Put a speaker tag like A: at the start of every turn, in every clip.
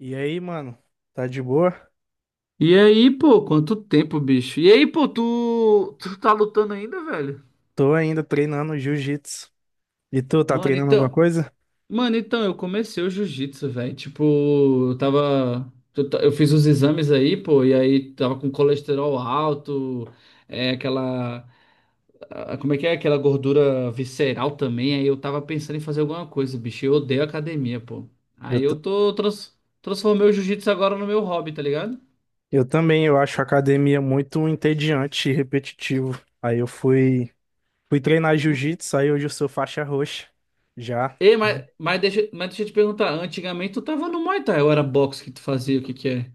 A: E aí, mano? Tá de boa?
B: E aí, pô, quanto tempo, bicho? E aí, pô, tu tá lutando ainda, velho?
A: Tô ainda treinando jiu-jitsu. E tu, tá
B: Mano,
A: treinando alguma
B: então,
A: coisa?
B: mano, então, eu comecei o jiu-jitsu, velho. Tipo, eu tava, eu, ta- eu fiz os exames aí, pô, e aí tava com colesterol alto, é aquela, como é que é? Aquela gordura visceral também. Aí eu tava pensando em fazer alguma coisa, bicho. Eu odeio academia, pô.
A: Eu,
B: Aí
A: t-
B: eu transformei o jiu-jitsu agora no meu hobby, tá ligado?
A: eu também, eu acho a academia muito entediante e repetitivo. Fui treinar jiu-jitsu, aí hoje eu sou faixa roxa. Já
B: Ei, mas deixa eu te perguntar, antigamente tu tava no Muay Thai, ou era boxe que tu fazia, o que que é?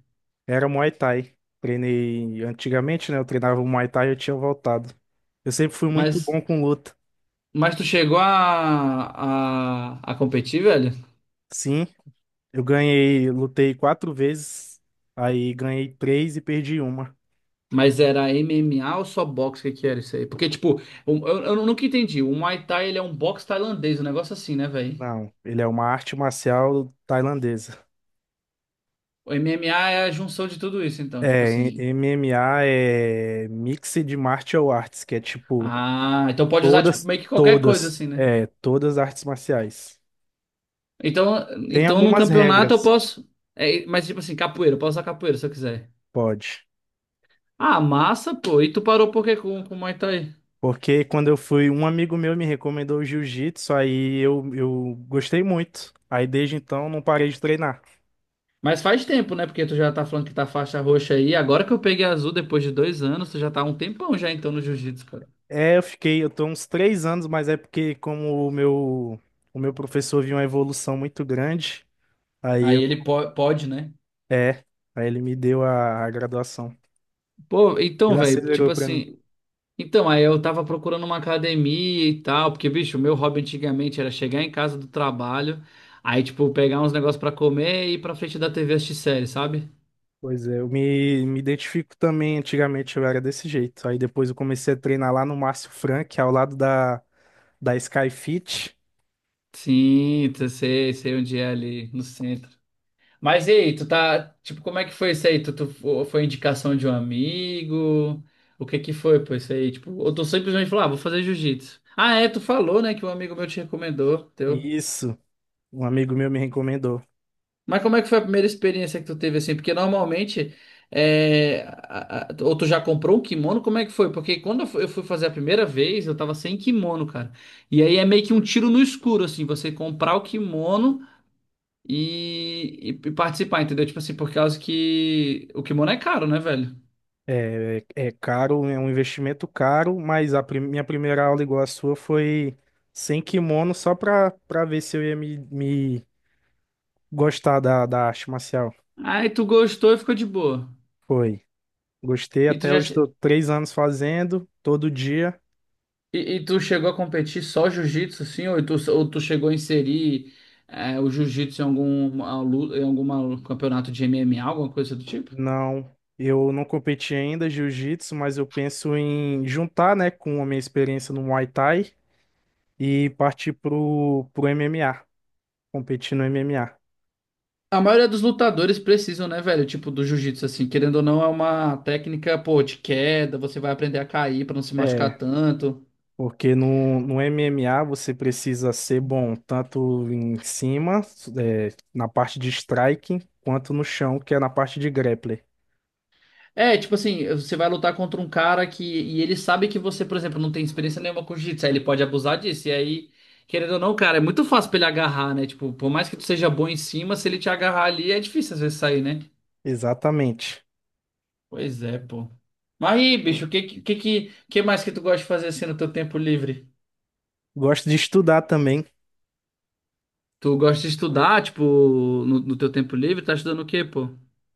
A: era Muay Thai. Treinei antigamente, né? Eu treinava o Muay Thai e eu tinha voltado. Eu sempre fui muito
B: Mas,
A: bom com luta.
B: mas tu chegou a competir, velho?
A: Sim, eu ganhei, lutei 4 vezes, aí ganhei três e perdi uma.
B: Mas era MMA ou só boxe, o que que era isso aí? Porque, tipo, eu nunca entendi, o Muay Thai ele é um boxe tailandês, um negócio assim, né, velho?
A: Não, ele é uma arte marcial tailandesa.
B: O MMA é a junção de tudo isso, então, tipo
A: É,
B: assim...
A: MMA é Mixed Martial Arts, que é tipo
B: Ah, então pode usar, tipo, meio que qualquer coisa, assim, né?
A: todas artes marciais.
B: Então,
A: Tem
B: então num
A: algumas
B: campeonato eu
A: regras,
B: posso... É, mas, tipo assim, capoeira, eu posso usar capoeira se eu quiser.
A: pode.
B: Ah, massa, pô. E tu parou por quê com o Muay Thai?
A: Porque quando eu fui, um amigo meu me recomendou o jiu-jitsu, eu gostei muito. Aí desde então não parei de treinar.
B: Mas faz tempo, né? Porque tu já tá falando que tá faixa roxa aí. Agora que eu peguei azul depois de dois anos, tu já tá há um tempão já então no jiu-jitsu, cara.
A: É, eu tô uns 3 anos, mas é porque como o o meu professor viu uma evolução muito grande, aí eu,
B: Pode, né?
A: é, aí ele me deu a graduação.
B: Pô, então,
A: Ele
B: velho,
A: acelerou
B: tipo
A: pra mim.
B: assim. Então, aí eu tava procurando uma academia e tal, porque, bicho, o meu hobby antigamente era chegar em casa do trabalho, aí, tipo, pegar uns negócios pra comer e ir pra frente da TV assistir série, sabe?
A: Pois é, me identifico também, antigamente eu era desse jeito. Aí depois eu comecei a treinar lá no Márcio Frank, ao lado da Sky Fit.
B: Sim, eu sei, sei onde é ali, no centro. Mas e aí, tu tá, tipo, como é que foi isso aí? Foi indicação de um amigo? O que que foi, pô, isso aí? Tipo, ou tu simplesmente falou, ah, vou fazer jiu-jitsu. Ah, é, tu falou, né, que um amigo meu te recomendou, teu.
A: Isso, um amigo meu me recomendou.
B: Mas como é que foi a primeira experiência que tu teve, assim? Porque normalmente, ou tu já comprou um kimono, como é que foi? Porque quando eu fui fazer a primeira vez, eu tava sem kimono, cara. E aí é meio que um tiro no escuro, assim, você comprar o kimono e participar, entendeu? Tipo assim, por causa que o kimono é caro, né, velho?
A: É, caro, é um investimento caro, mas a minha primeira aula igual a sua foi sem kimono, só pra ver se eu ia me gostar da arte marcial.
B: Aí tu gostou e ficou de boa.
A: Foi. Gostei,
B: E tu
A: até
B: já
A: hoje
B: che-
A: estou 3 anos fazendo, todo dia.
B: e tu chegou a competir só jiu-jitsu, assim, ou tu chegou a inserir o jiu-jitsu em em algum campeonato de MMA, alguma coisa do tipo?
A: Não, eu não competi ainda jiu-jitsu, mas eu penso em juntar, né, com a minha experiência no Muay Thai e partir pro MMA, competir no MMA.
B: A maioria dos lutadores precisam, né, velho? Tipo, do jiu-jitsu, assim, querendo ou não, é uma técnica, pô, de queda, você vai aprender a cair pra não se machucar tanto.
A: Porque no MMA você precisa ser bom tanto em cima, é, na parte de striking, quanto no chão, que é na parte de grappler.
B: É, tipo assim, você vai lutar contra um cara que. E ele sabe que você, por exemplo, não tem experiência nenhuma com jiu-jitsu. Aí ele pode abusar disso. E aí, querendo ou não, cara, é muito fácil pra ele agarrar, né? Tipo, por mais que tu seja bom em cima, se ele te agarrar ali, é difícil às vezes sair, né?
A: Exatamente.
B: Pois é, pô. Mas aí, bicho, o que, que mais que tu gosta de fazer assim no teu tempo livre?
A: Gosto de estudar também.
B: Tu gosta de estudar, tipo, no teu tempo livre? Tá estudando o quê, pô?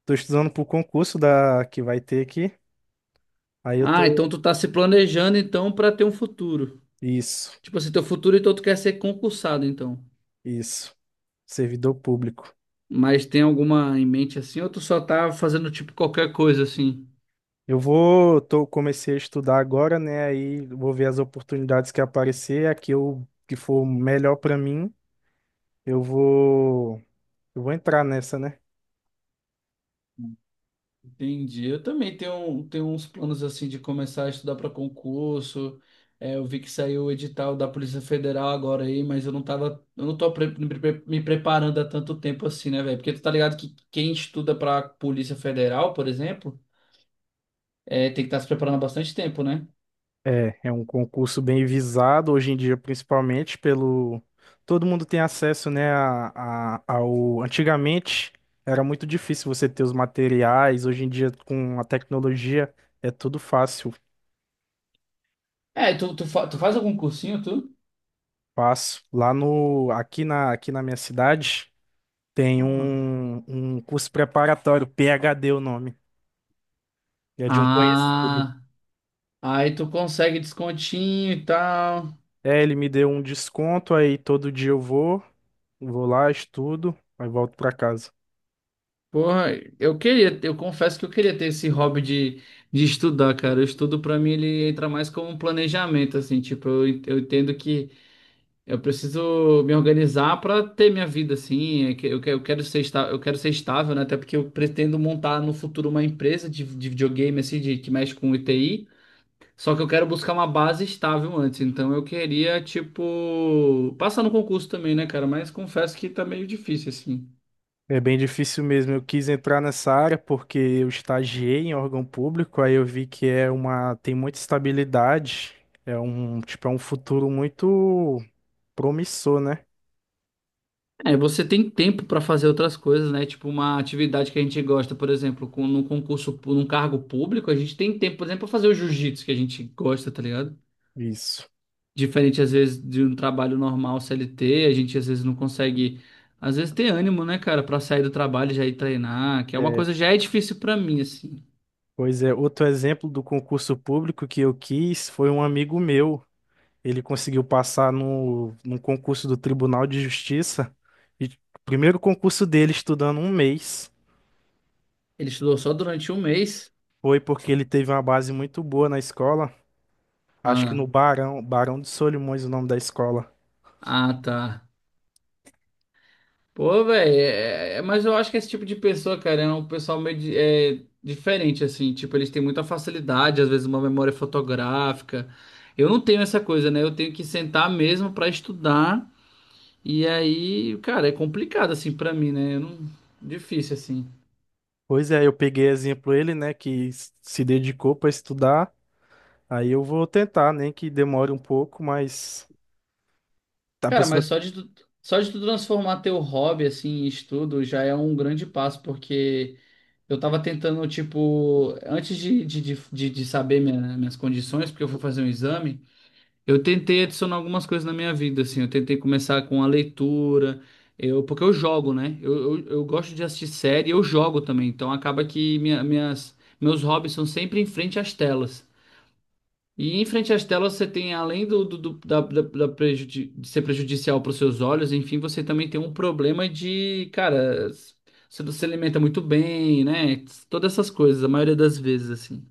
A: Tô estudando pro concurso da que vai ter aqui. Aí eu
B: Ah,
A: tô.
B: então tu tá se planejando, então, pra ter um futuro.
A: Isso,
B: Tipo assim, teu futuro, então tu quer ser concursado, então.
A: isso. Servidor público.
B: Mas tem alguma em mente assim, ou tu só tá fazendo tipo qualquer coisa assim?
A: Comecei a estudar agora, né? Aí vou ver as oportunidades que aparecer, que for melhor pra mim, eu vou, eu vou entrar nessa, né?
B: Entendi. Eu também tenho uns planos assim de começar a estudar para concurso. É, eu vi que saiu o edital da Polícia Federal agora aí, mas eu não tô pre- me preparando há tanto tempo assim, né, velho? Porque tu tá ligado que quem estuda para Polícia Federal, por exemplo, é, tem que estar se preparando há bastante tempo, né?
A: É, é um concurso bem visado hoje em dia, principalmente pelo. Todo mundo tem acesso, né, ao. Antigamente era muito difícil você ter os materiais, hoje em dia com a tecnologia é tudo fácil,
B: É, e tu faz algum cursinho, tu?
A: fácil. Lá no. Aqui aqui na minha cidade tem
B: Ah.
A: um curso preparatório, PhD o nome, é de um conhecido.
B: Ah, aí tu consegue descontinho e tal.
A: É, ele me deu um desconto, aí todo dia vou lá, estudo, aí volto pra casa.
B: Porra, eu queria, eu confesso que eu queria ter esse hobby de estudar, cara. O estudo pra mim ele entra mais como um planejamento, assim, tipo, eu entendo que eu preciso me organizar pra ter minha vida, assim. É que eu quero ser estável, né? Até porque eu pretendo montar no futuro uma empresa de videogame, assim, de, que mexe com ITI. Só que eu quero buscar uma base estável antes. Então eu queria, tipo, passar no concurso também, né, cara? Mas confesso que tá meio difícil, assim.
A: É bem difícil mesmo. Eu quis entrar nessa área porque eu estagiei em órgão público, aí eu vi que é uma, tem muita estabilidade, é um, tipo, é um futuro muito promissor, né?
B: É, você tem tempo para fazer outras coisas, né? Tipo uma atividade que a gente gosta, por exemplo, num concurso, num cargo público, a gente tem tempo, por exemplo, para fazer o jiu-jitsu que a gente gosta, tá ligado?
A: Isso.
B: Diferente, às vezes, de um trabalho normal CLT, a gente às vezes não às vezes ter ânimo, né, cara, para sair do trabalho e já ir treinar, que é uma
A: É,
B: coisa que já é difícil para mim, assim.
A: pois é, outro exemplo do concurso público que eu quis foi um amigo meu. Ele conseguiu passar no concurso do Tribunal de Justiça e o primeiro concurso dele estudando um mês.
B: Ele estudou só durante um mês.
A: Foi porque ele teve uma base muito boa na escola. Acho que
B: Ah,
A: no Barão de Solimões, o nome da escola.
B: ah, tá. Pô, velho, é, mas eu acho que esse tipo de pessoa, cara, é um pessoal é, diferente, assim. Tipo, eles têm muita facilidade, às vezes uma memória fotográfica. Eu não tenho essa coisa, né? Eu tenho que sentar mesmo pra estudar. E aí, cara, é complicado, assim, pra mim, né? Eu não... Difícil, assim.
A: Pois é, eu peguei exemplo ele, né, que se dedicou para estudar. Aí eu vou tentar, nem que demore um pouco, mas a
B: Cara,
A: pessoa,
B: mas só de tu transformar teu hobby, assim, em estudo já é um grande passo, porque eu tava tentando, tipo, antes de saber minhas condições, porque eu fui fazer um exame. Eu tentei adicionar algumas coisas na minha vida, assim. Eu tentei começar com a leitura, eu, porque eu jogo, né? Eu gosto de assistir série, eu jogo também. Então acaba que meus hobbies são sempre em frente às telas. E em frente às telas você tem, além da de ser prejudicial para os seus olhos, enfim, você também tem um problema de, cara, você não se alimenta muito bem, né? Todas essas coisas, a maioria das vezes, assim.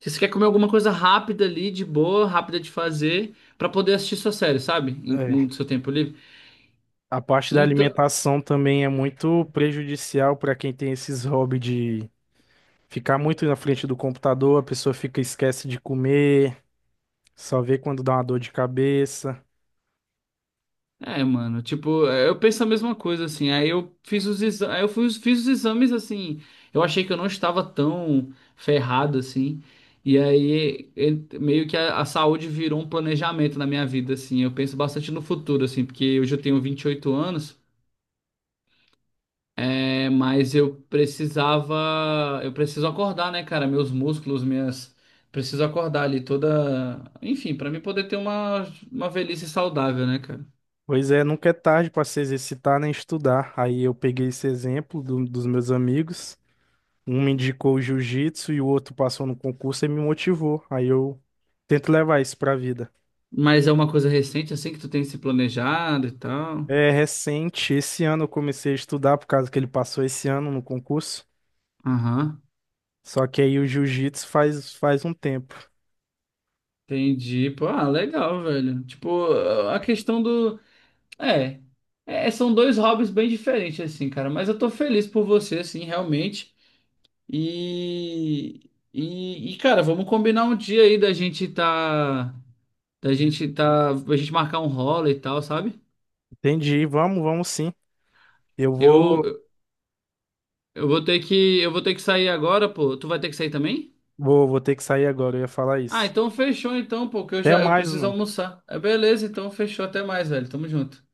B: Se você quer comer alguma coisa rápida ali, de boa, rápida de fazer, pra poder assistir sua série, sabe?
A: é,
B: No seu tempo livre.
A: a parte da
B: Então,
A: alimentação também é muito prejudicial para quem tem esses hobbies de ficar muito na frente do computador, a pessoa fica esquece de comer, só vê quando dá uma dor de cabeça.
B: é, mano, tipo, é, eu penso a mesma coisa, assim. Aí eu fiz os exames, fiz os exames, assim. Eu achei que eu não estava tão ferrado, assim. E aí, meio que a saúde virou um planejamento na minha vida, assim. Eu penso bastante no futuro, assim, porque hoje eu tenho 28 anos. É, mas eu precisava, eu preciso acordar, né, cara? Meus preciso acordar ali toda, enfim, pra mim poder ter uma velhice saudável, né, cara?
A: Pois é, nunca é tarde para se exercitar nem estudar. Aí eu peguei esse exemplo dos meus amigos. Um me indicou o jiu-jitsu e o outro passou no concurso e me motivou. Aí eu tento levar isso pra vida.
B: Mas é uma coisa recente, assim que tu tem se planejado e tal.
A: É recente, esse ano eu comecei a estudar por causa que ele passou esse ano no concurso.
B: Aham.
A: Só que aí o jiu-jitsu faz um tempo.
B: Entendi. Pô, ah, legal, velho. Tipo, a questão do, é, é, são dois hobbies bem diferentes assim, cara, mas eu tô feliz por você assim, realmente. E e, cara, vamos combinar um dia aí da gente tá, a gente marcar um rola e tal, sabe?
A: Entendi, vamos sim. Eu
B: Eu,
A: vou,
B: eu eu vou ter que sair agora, pô. Tu vai ter que sair também?
A: vou ter que sair agora, eu ia falar
B: Ah,
A: isso.
B: então fechou então, pô, que eu
A: Até
B: já, eu
A: mais,
B: preciso
A: mano.
B: almoçar. É beleza, então fechou, até mais, velho. Tamo junto.